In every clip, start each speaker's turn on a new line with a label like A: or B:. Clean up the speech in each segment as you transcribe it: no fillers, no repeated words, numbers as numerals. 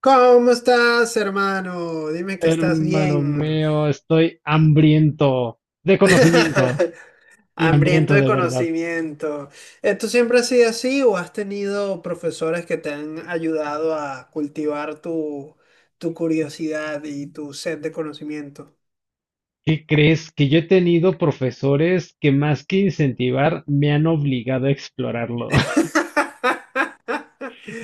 A: ¿Cómo estás, hermano? Dime que estás
B: Hermano
A: bien.
B: mío, estoy hambriento de conocimiento y
A: Hambriento
B: hambriento
A: de
B: de verdad.
A: conocimiento. ¿Tú siempre has sido así o has tenido profesores que te han ayudado a cultivar tu curiosidad y tu sed de conocimiento?
B: ¿Qué crees? Que yo he tenido profesores que más que incentivar me han obligado a explorarlo.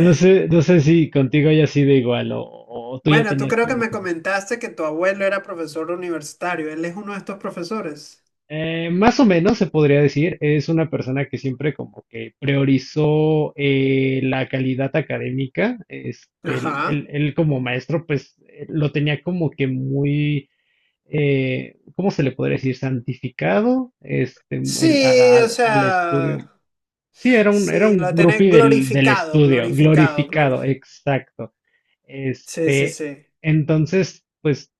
B: No sé, no sé si contigo haya sido igual o tú ya
A: Bueno, tú
B: tenías
A: creo que
B: como
A: me
B: que... sus-
A: comentaste que tu abuelo era profesor universitario. Él es uno de estos profesores.
B: Más o menos se podría decir, es una persona que siempre como que priorizó la calidad académica. Este, él, él-
A: Ajá.
B: él como maestro pues lo tenía como que muy ¿cómo se le podría decir? Santificado este, el- al,
A: Sí, o
B: al- al
A: sea.
B: estudio. Sí, era un, era
A: Sí,
B: un
A: lo tenés
B: groupie del
A: glorificado,
B: estudio,
A: glorificado,
B: glorificado,
A: glorificado.
B: exacto.
A: Sí, sí,
B: Este,
A: sí.
B: entonces, pues,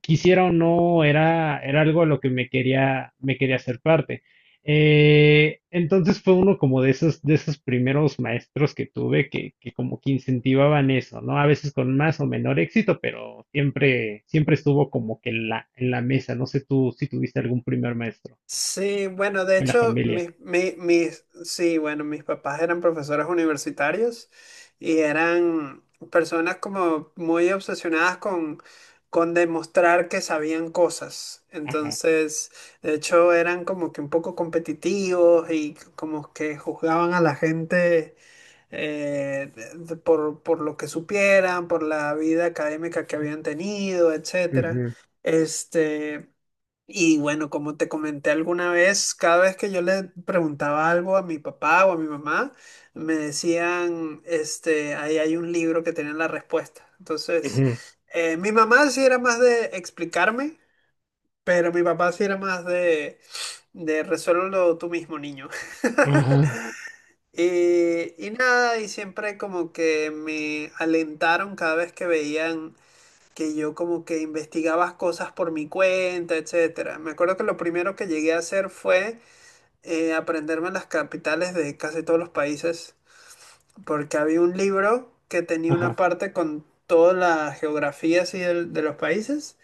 B: quisiera o no, era algo a lo que me quería hacer parte. Entonces fue uno como de esos primeros maestros que tuve que como que incentivaban eso, ¿no? A veces con más o menor éxito, pero siempre, siempre estuvo como que en la mesa. No sé tú si tuviste algún primer maestro
A: Sí, bueno, de
B: en la
A: hecho,
B: familia.
A: sí, bueno, mis papás eran profesores universitarios y eran personas como muy obsesionadas con demostrar que sabían cosas.
B: Ajá.
A: Entonces, de hecho, eran como que un poco competitivos y como que juzgaban a la gente, por lo que supieran, por la vida académica que habían tenido, etcétera.
B: Ujú,
A: Este, y bueno, como te comenté alguna vez, cada vez que yo le preguntaba algo a mi papá o a mi mamá, me decían, este, ahí hay un libro que tiene la respuesta. Entonces,
B: ujú.
A: mi mamá sí era más de explicarme, pero mi papá sí era más de resuélvelo tú mismo, niño.
B: Ajá,
A: Y nada, y siempre como que me alentaron cada vez que veían que yo como que investigaba cosas por mi cuenta, etcétera. Me acuerdo que lo primero que llegué a hacer fue aprenderme las capitales de casi todos los países, porque había un libro que tenía una
B: ajá,
A: parte con toda la geografía así de los países,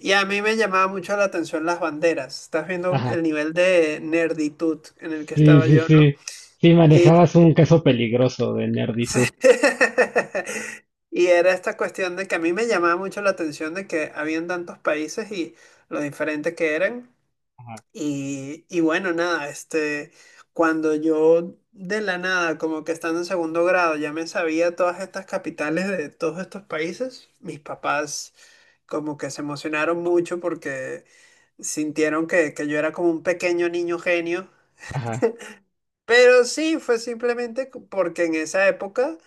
A: y a mí me llamaba mucho la atención las banderas. Estás viendo el
B: ajá.
A: nivel de nerditud en el que
B: Sí,
A: estaba
B: sí,
A: yo, ¿no?
B: sí. Sí, manejabas un caso peligroso de nerditud.
A: Y era esta cuestión de que a mí me llamaba mucho la atención de que habían tantos países y lo diferente que eran.
B: Ajá,
A: Y bueno, nada, este, cuando yo de la nada, como que estando en segundo grado, ya me sabía todas estas capitales de todos estos países, mis papás como que se emocionaron mucho porque sintieron que yo era como un pequeño niño genio,
B: ajá,
A: pero sí, fue simplemente porque en esa época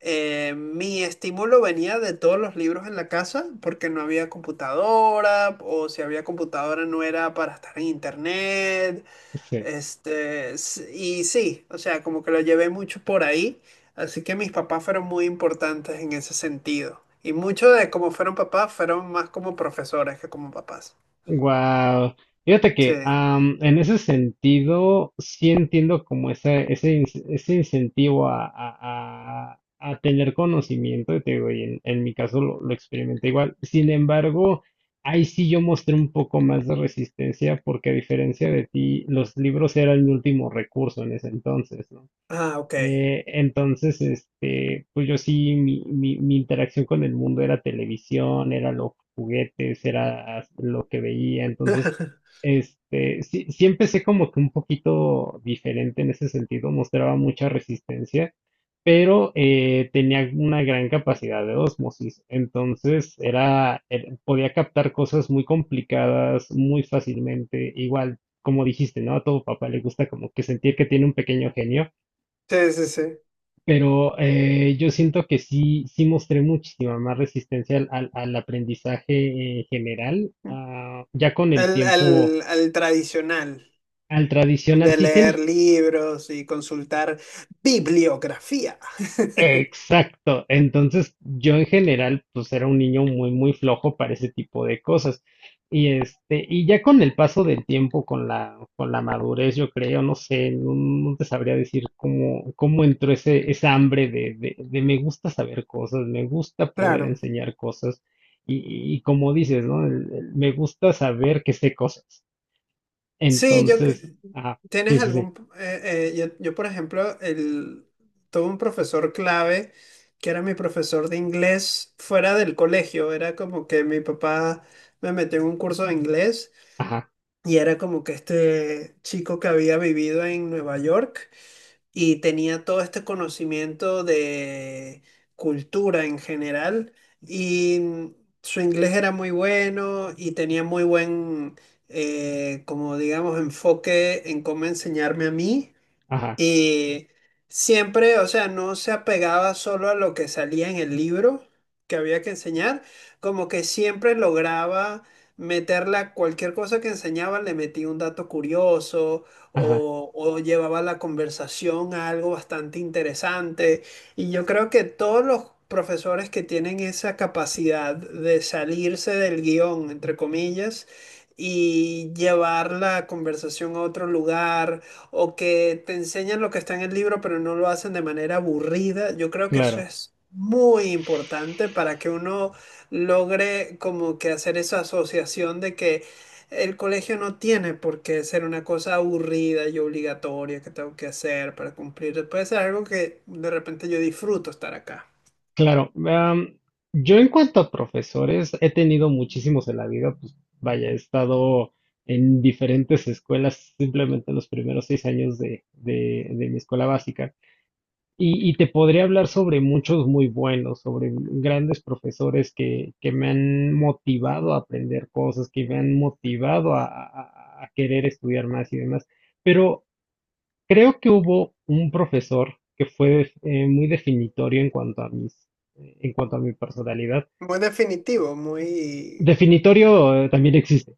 A: mi estímulo venía de todos los libros en la casa, porque no había computadora, o si había computadora no era para estar en internet,
B: sí.
A: este, y sí, o sea, como que lo llevé mucho por ahí, así que mis papás fueron muy importantes en ese sentido. Y mucho de cómo fueron papás fueron más como profesores que como papás.
B: Wow. Fíjate
A: Sí.
B: que en ese sentido sí entiendo como ese, ese incentivo a, a tener conocimiento, y te digo, y en mi caso lo experimenté igual. Sin embargo, ahí sí yo mostré un poco más de resistencia porque a diferencia de ti, los libros eran mi último recurso en ese entonces, ¿no?
A: Ah, ok.
B: Entonces, este, pues yo sí, mi interacción con el mundo era televisión, era los juguetes, era lo que veía. Entonces, este, sí, sí empecé como que un poquito diferente en ese sentido, mostraba mucha resistencia, pero tenía una gran capacidad de osmosis. Entonces, podía captar cosas muy complicadas muy fácilmente. Igual, como dijiste, ¿no? A todo papá le gusta como que sentir que tiene un pequeño genio.
A: Sí, sí, sí.
B: Pero yo siento que sí, sí mostré muchísima más resistencia al, al aprendizaje en general, ya con el
A: Al,
B: tiempo,
A: al, al tradicional
B: al tradicional.
A: de
B: Sí
A: leer
B: tienes.
A: libros y consultar bibliografía.
B: Exacto. Entonces, yo en general, pues era un niño muy, muy flojo para ese tipo de cosas. Y este, y ya con el paso del tiempo, con la madurez, yo creo, no sé, no, no te sabría decir cómo, cómo entró ese, esa hambre de me gusta saber cosas, me gusta poder
A: Claro.
B: enseñar cosas. Y como dices, ¿no? El me gusta saber que sé cosas.
A: Sí,
B: Entonces, ajá, sí,
A: tienes
B: sí, sí.
A: algún yo, por ejemplo el tuve un profesor clave que era mi profesor de inglés fuera del colegio, era como que mi papá me metió en un curso de inglés
B: Ajá,
A: y era como que este chico que había vivido en Nueva York y tenía todo este conocimiento de cultura en general y su inglés era muy bueno y tenía muy buen, como digamos, enfoque en cómo enseñarme a mí
B: ajá,
A: y siempre, o sea, no se apegaba solo a lo que salía en el libro que había que enseñar, como que siempre lograba meterla, a cualquier cosa que enseñaba, le metía un dato curioso
B: ajá,
A: o llevaba la conversación a algo bastante interesante. Y yo creo que todos los profesores que tienen esa capacidad de salirse del guión, entre comillas, y llevar la conversación a otro lugar o que te enseñan lo que está en el libro, pero no lo hacen de manera aburrida. Yo creo que eso
B: claro.
A: es muy importante para que uno logre como que hacer esa asociación de que el colegio no tiene por qué ser una cosa aburrida y obligatoria que tengo que hacer para cumplir. Puede ser algo que de repente yo disfruto estar acá.
B: Claro, yo en cuanto a profesores, he tenido muchísimos en la vida, pues vaya, he estado en diferentes escuelas simplemente los primeros 6 años de, de mi escuela básica y te podría hablar sobre muchos muy buenos, sobre grandes profesores que me han motivado a aprender cosas, que me han motivado a, a querer estudiar más y demás, pero creo que hubo un profesor que fue muy definitorio en cuanto a mis, en cuanto a mi personalidad.
A: Muy definitivo, muy.
B: Definitorio también existe.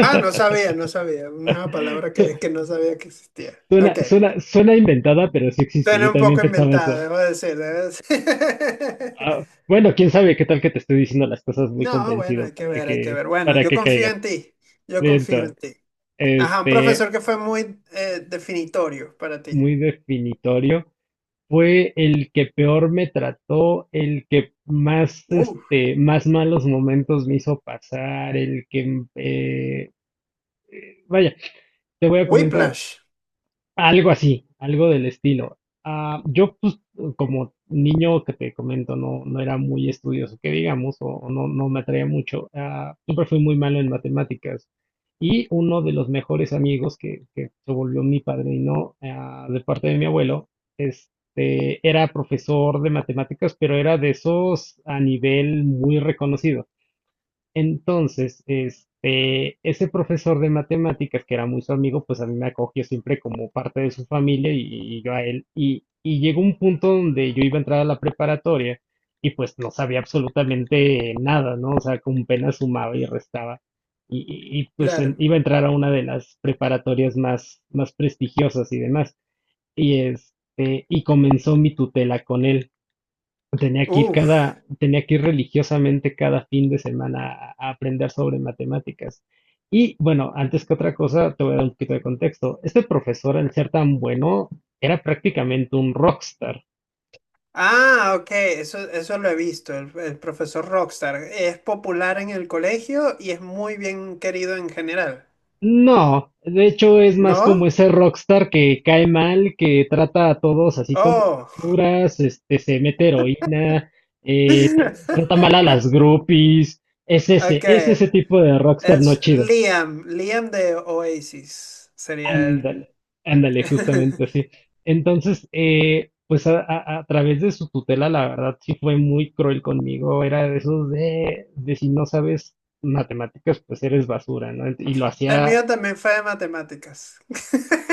A: Ah, no sabía, no sabía. Una palabra que no sabía que existía.
B: Suena,
A: Ok.
B: suena, suena inventada, pero sí existe.
A: Suena
B: Yo
A: un
B: también
A: poco
B: pensaba
A: inventado,
B: eso.
A: debo decir, debo decir.
B: Ah, bueno, quién sabe qué tal que te estoy diciendo las cosas muy
A: No, bueno,
B: convencido
A: hay que ver, hay que ver. Bueno,
B: para
A: yo
B: que
A: confío
B: caigas.
A: en ti, yo
B: Bien,
A: confío en
B: entonces,
A: ti. Ajá, un
B: este,
A: profesor que fue muy definitorio para ti.
B: muy definitorio. Fue el que peor me trató, el que más,
A: Uh,
B: este, más malos momentos me hizo pasar, el que, vaya, te voy a comentar,
A: Whiplash,
B: algo así, algo del estilo. Ah, yo, pues, como niño que te comento, no, no era muy estudioso, que digamos, o no, no me atraía mucho. Ah, siempre fui muy malo en matemáticas. Y uno de los mejores amigos que se volvió mi padrino, ah, de parte de mi abuelo, este, era profesor de matemáticas, pero era de esos a nivel muy reconocido. Entonces, este, ese profesor de matemáticas, que era muy su amigo, pues a mí me acogió siempre como parte de su familia y yo a él. y llegó un punto donde yo iba a entrar a la preparatoria y pues no sabía absolutamente nada, ¿no? O sea, con pena sumaba y restaba. Y, pues en-
A: claro.
B: iba a entrar a una de las preparatorias más, más prestigiosas y demás. Y este, y comenzó mi tutela con él. Tenía que ir
A: Uf.
B: cada, tenía que ir religiosamente cada fin de semana a aprender sobre matemáticas. Y bueno, antes que otra cosa, te voy a dar un poquito de contexto. Este profesor, al ser tan bueno, era prácticamente un rockstar.
A: Ah, ok, eso lo he visto, el profesor Rockstar. Es popular en el colegio y es muy bien querido en general.
B: No, de hecho es más como
A: ¿No?
B: ese rockstar que cae mal, que trata a todos así como
A: Oh.
B: basuras, este, se mete heroína, tiene- trata mal a las groupies.
A: Ok.
B: Es ese tipo de rockstar no
A: Es
B: chido.
A: Liam, Liam de Oasis sería él.
B: Ándale, ándale, justamente así. Entonces, pues a, a través de su tutela, la verdad sí fue muy cruel conmigo. Era de esos de si no sabes matemáticas, pues eres basura, ¿no? Ent- Y lo
A: El
B: hacía
A: mío también fue de matemáticas.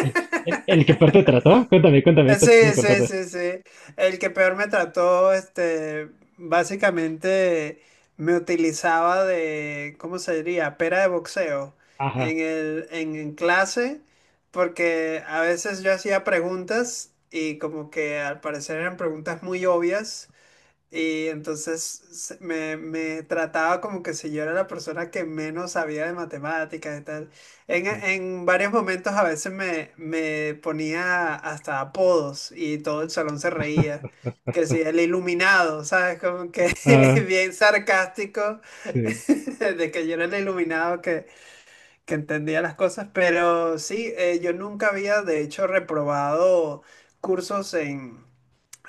B: el, el que peor te trató. Cuéntame, cuéntame, ahorita te
A: Sí,
B: sigo
A: sí,
B: contando eso.
A: sí, sí. El que peor me trató, este, básicamente me utilizaba de, ¿cómo se diría? Pera de boxeo
B: Ajá,
A: en clase, porque a veces yo hacía preguntas y como que al parecer eran preguntas muy obvias. Y entonces me trataba como que si yo era la persona que menos sabía de matemáticas y tal. En,
B: sí,
A: en varios momentos a veces me ponía hasta apodos y todo el salón se reía. Que si el iluminado, ¿sabes? Como que
B: ah,
A: bien sarcástico
B: sí.
A: de que yo era el iluminado que entendía las cosas. Pero sí, yo nunca había de hecho reprobado cursos en,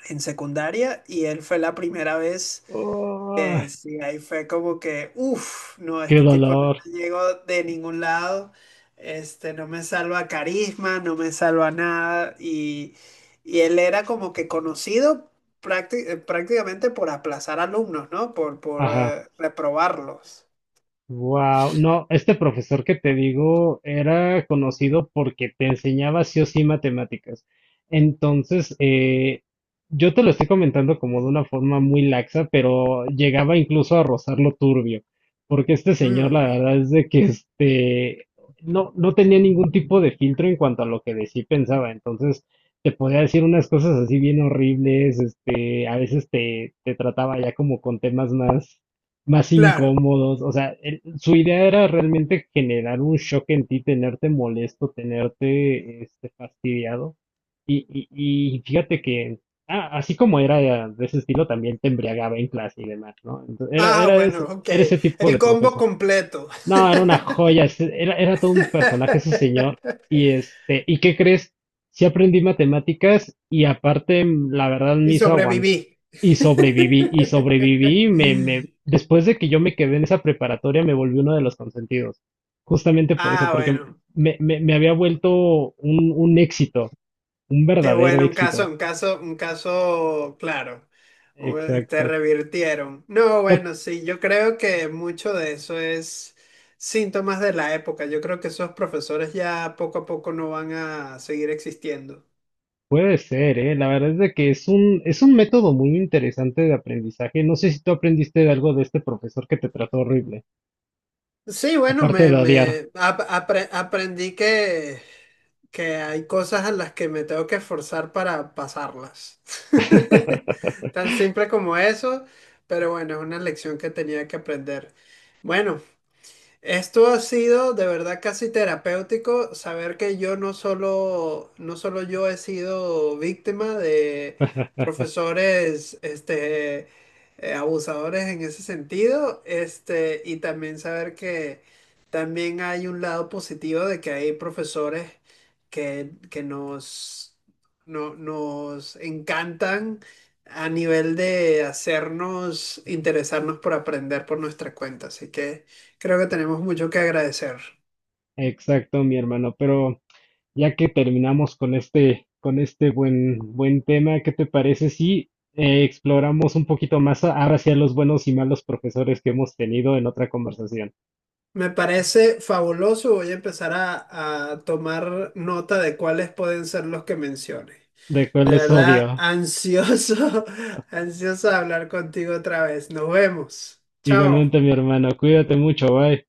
A: en secundaria y él fue la primera vez.
B: Oh,
A: Sí, ahí fue como que, uff, no,
B: qué
A: este tipo no
B: dolor.
A: me llegó de ningún lado, este, no me salva carisma, no me salva nada, y él era como que conocido prácticamente por aplazar alumnos, ¿no? Por, por
B: Ajá.
A: eh, reprobarlos.
B: Wow, no, este profesor que te digo era conocido porque te enseñaba sí o sí matemáticas. Entonces, yo te lo estoy comentando como de una forma muy laxa, pero llegaba incluso a rozarlo turbio, porque este señor,
A: Mm,
B: la verdad es de que este no, no tenía ningún tipo de filtro en cuanto a lo que decía y pensaba. Entonces, te podía decir unas cosas así bien horribles, este, a veces te, te trataba ya como con temas más más
A: claro.
B: incómodos. O sea, su idea era realmente generar un shock en ti, tenerte molesto, tenerte este, fastidiado. Y fíjate que, ah, así como era de ese estilo, también te embriagaba en clase y demás, ¿no? Entonces, era,
A: Ah, bueno, ok,
B: era ese tipo
A: el
B: de
A: combo
B: profesor.
A: completo.
B: No, era una joya, era, era todo un personaje ese señor. Y este, ¿y qué crees? Sí aprendí matemáticas y aparte, la verdad,
A: Y
B: me hizo aguantar
A: sobreviví.
B: y sobreviví, y sobreviví, y me, después de que yo me quedé en esa preparatoria, me volví uno de los consentidos. Justamente por eso,
A: Ah,
B: porque
A: bueno.
B: me había vuelto un éxito, un
A: Qué
B: verdadero
A: bueno, un caso,
B: éxito.
A: un caso, un caso claro. Bueno, te
B: Exacto.
A: revirtieron. No,
B: Ya
A: bueno, sí, yo creo que mucho de eso es síntomas de la época. Yo creo que esos profesores ya poco a poco no van a seguir existiendo.
B: puede ser, ¿eh? La verdad es de que es un método muy interesante de aprendizaje. No sé si tú aprendiste de algo de este profesor que te trató horrible,
A: Sí, bueno,
B: aparte
A: me,
B: de odiar.
A: me ap- apre- aprendí que hay cosas a las que me tengo que esforzar para pasarlas. Tan simple como eso, pero bueno, es una lección que tenía que aprender. Bueno. Esto ha sido de verdad casi terapéutico saber que yo no solo yo he sido víctima de profesores, este, abusadores en ese sentido, este, y también saber que también hay un lado positivo de que hay profesores que nos, no- nos encantan a nivel de hacernos interesarnos por aprender por nuestra cuenta. Así que. Creo que tenemos mucho que agradecer.
B: Exacto, mi hermano, pero ya que terminamos con este buen, buen tema, ¿qué te parece si exploramos un poquito más ahora hacia los buenos y malos profesores que hemos tenido en otra conversación?
A: Me parece fabuloso. Voy a empezar a tomar nota de cuáles pueden ser los que menciones.
B: De cuál
A: De
B: les odio.
A: verdad, ansioso, ansioso de hablar contigo otra vez. Nos vemos. Chao.
B: Igualmente, mi hermano, cuídate mucho, bye.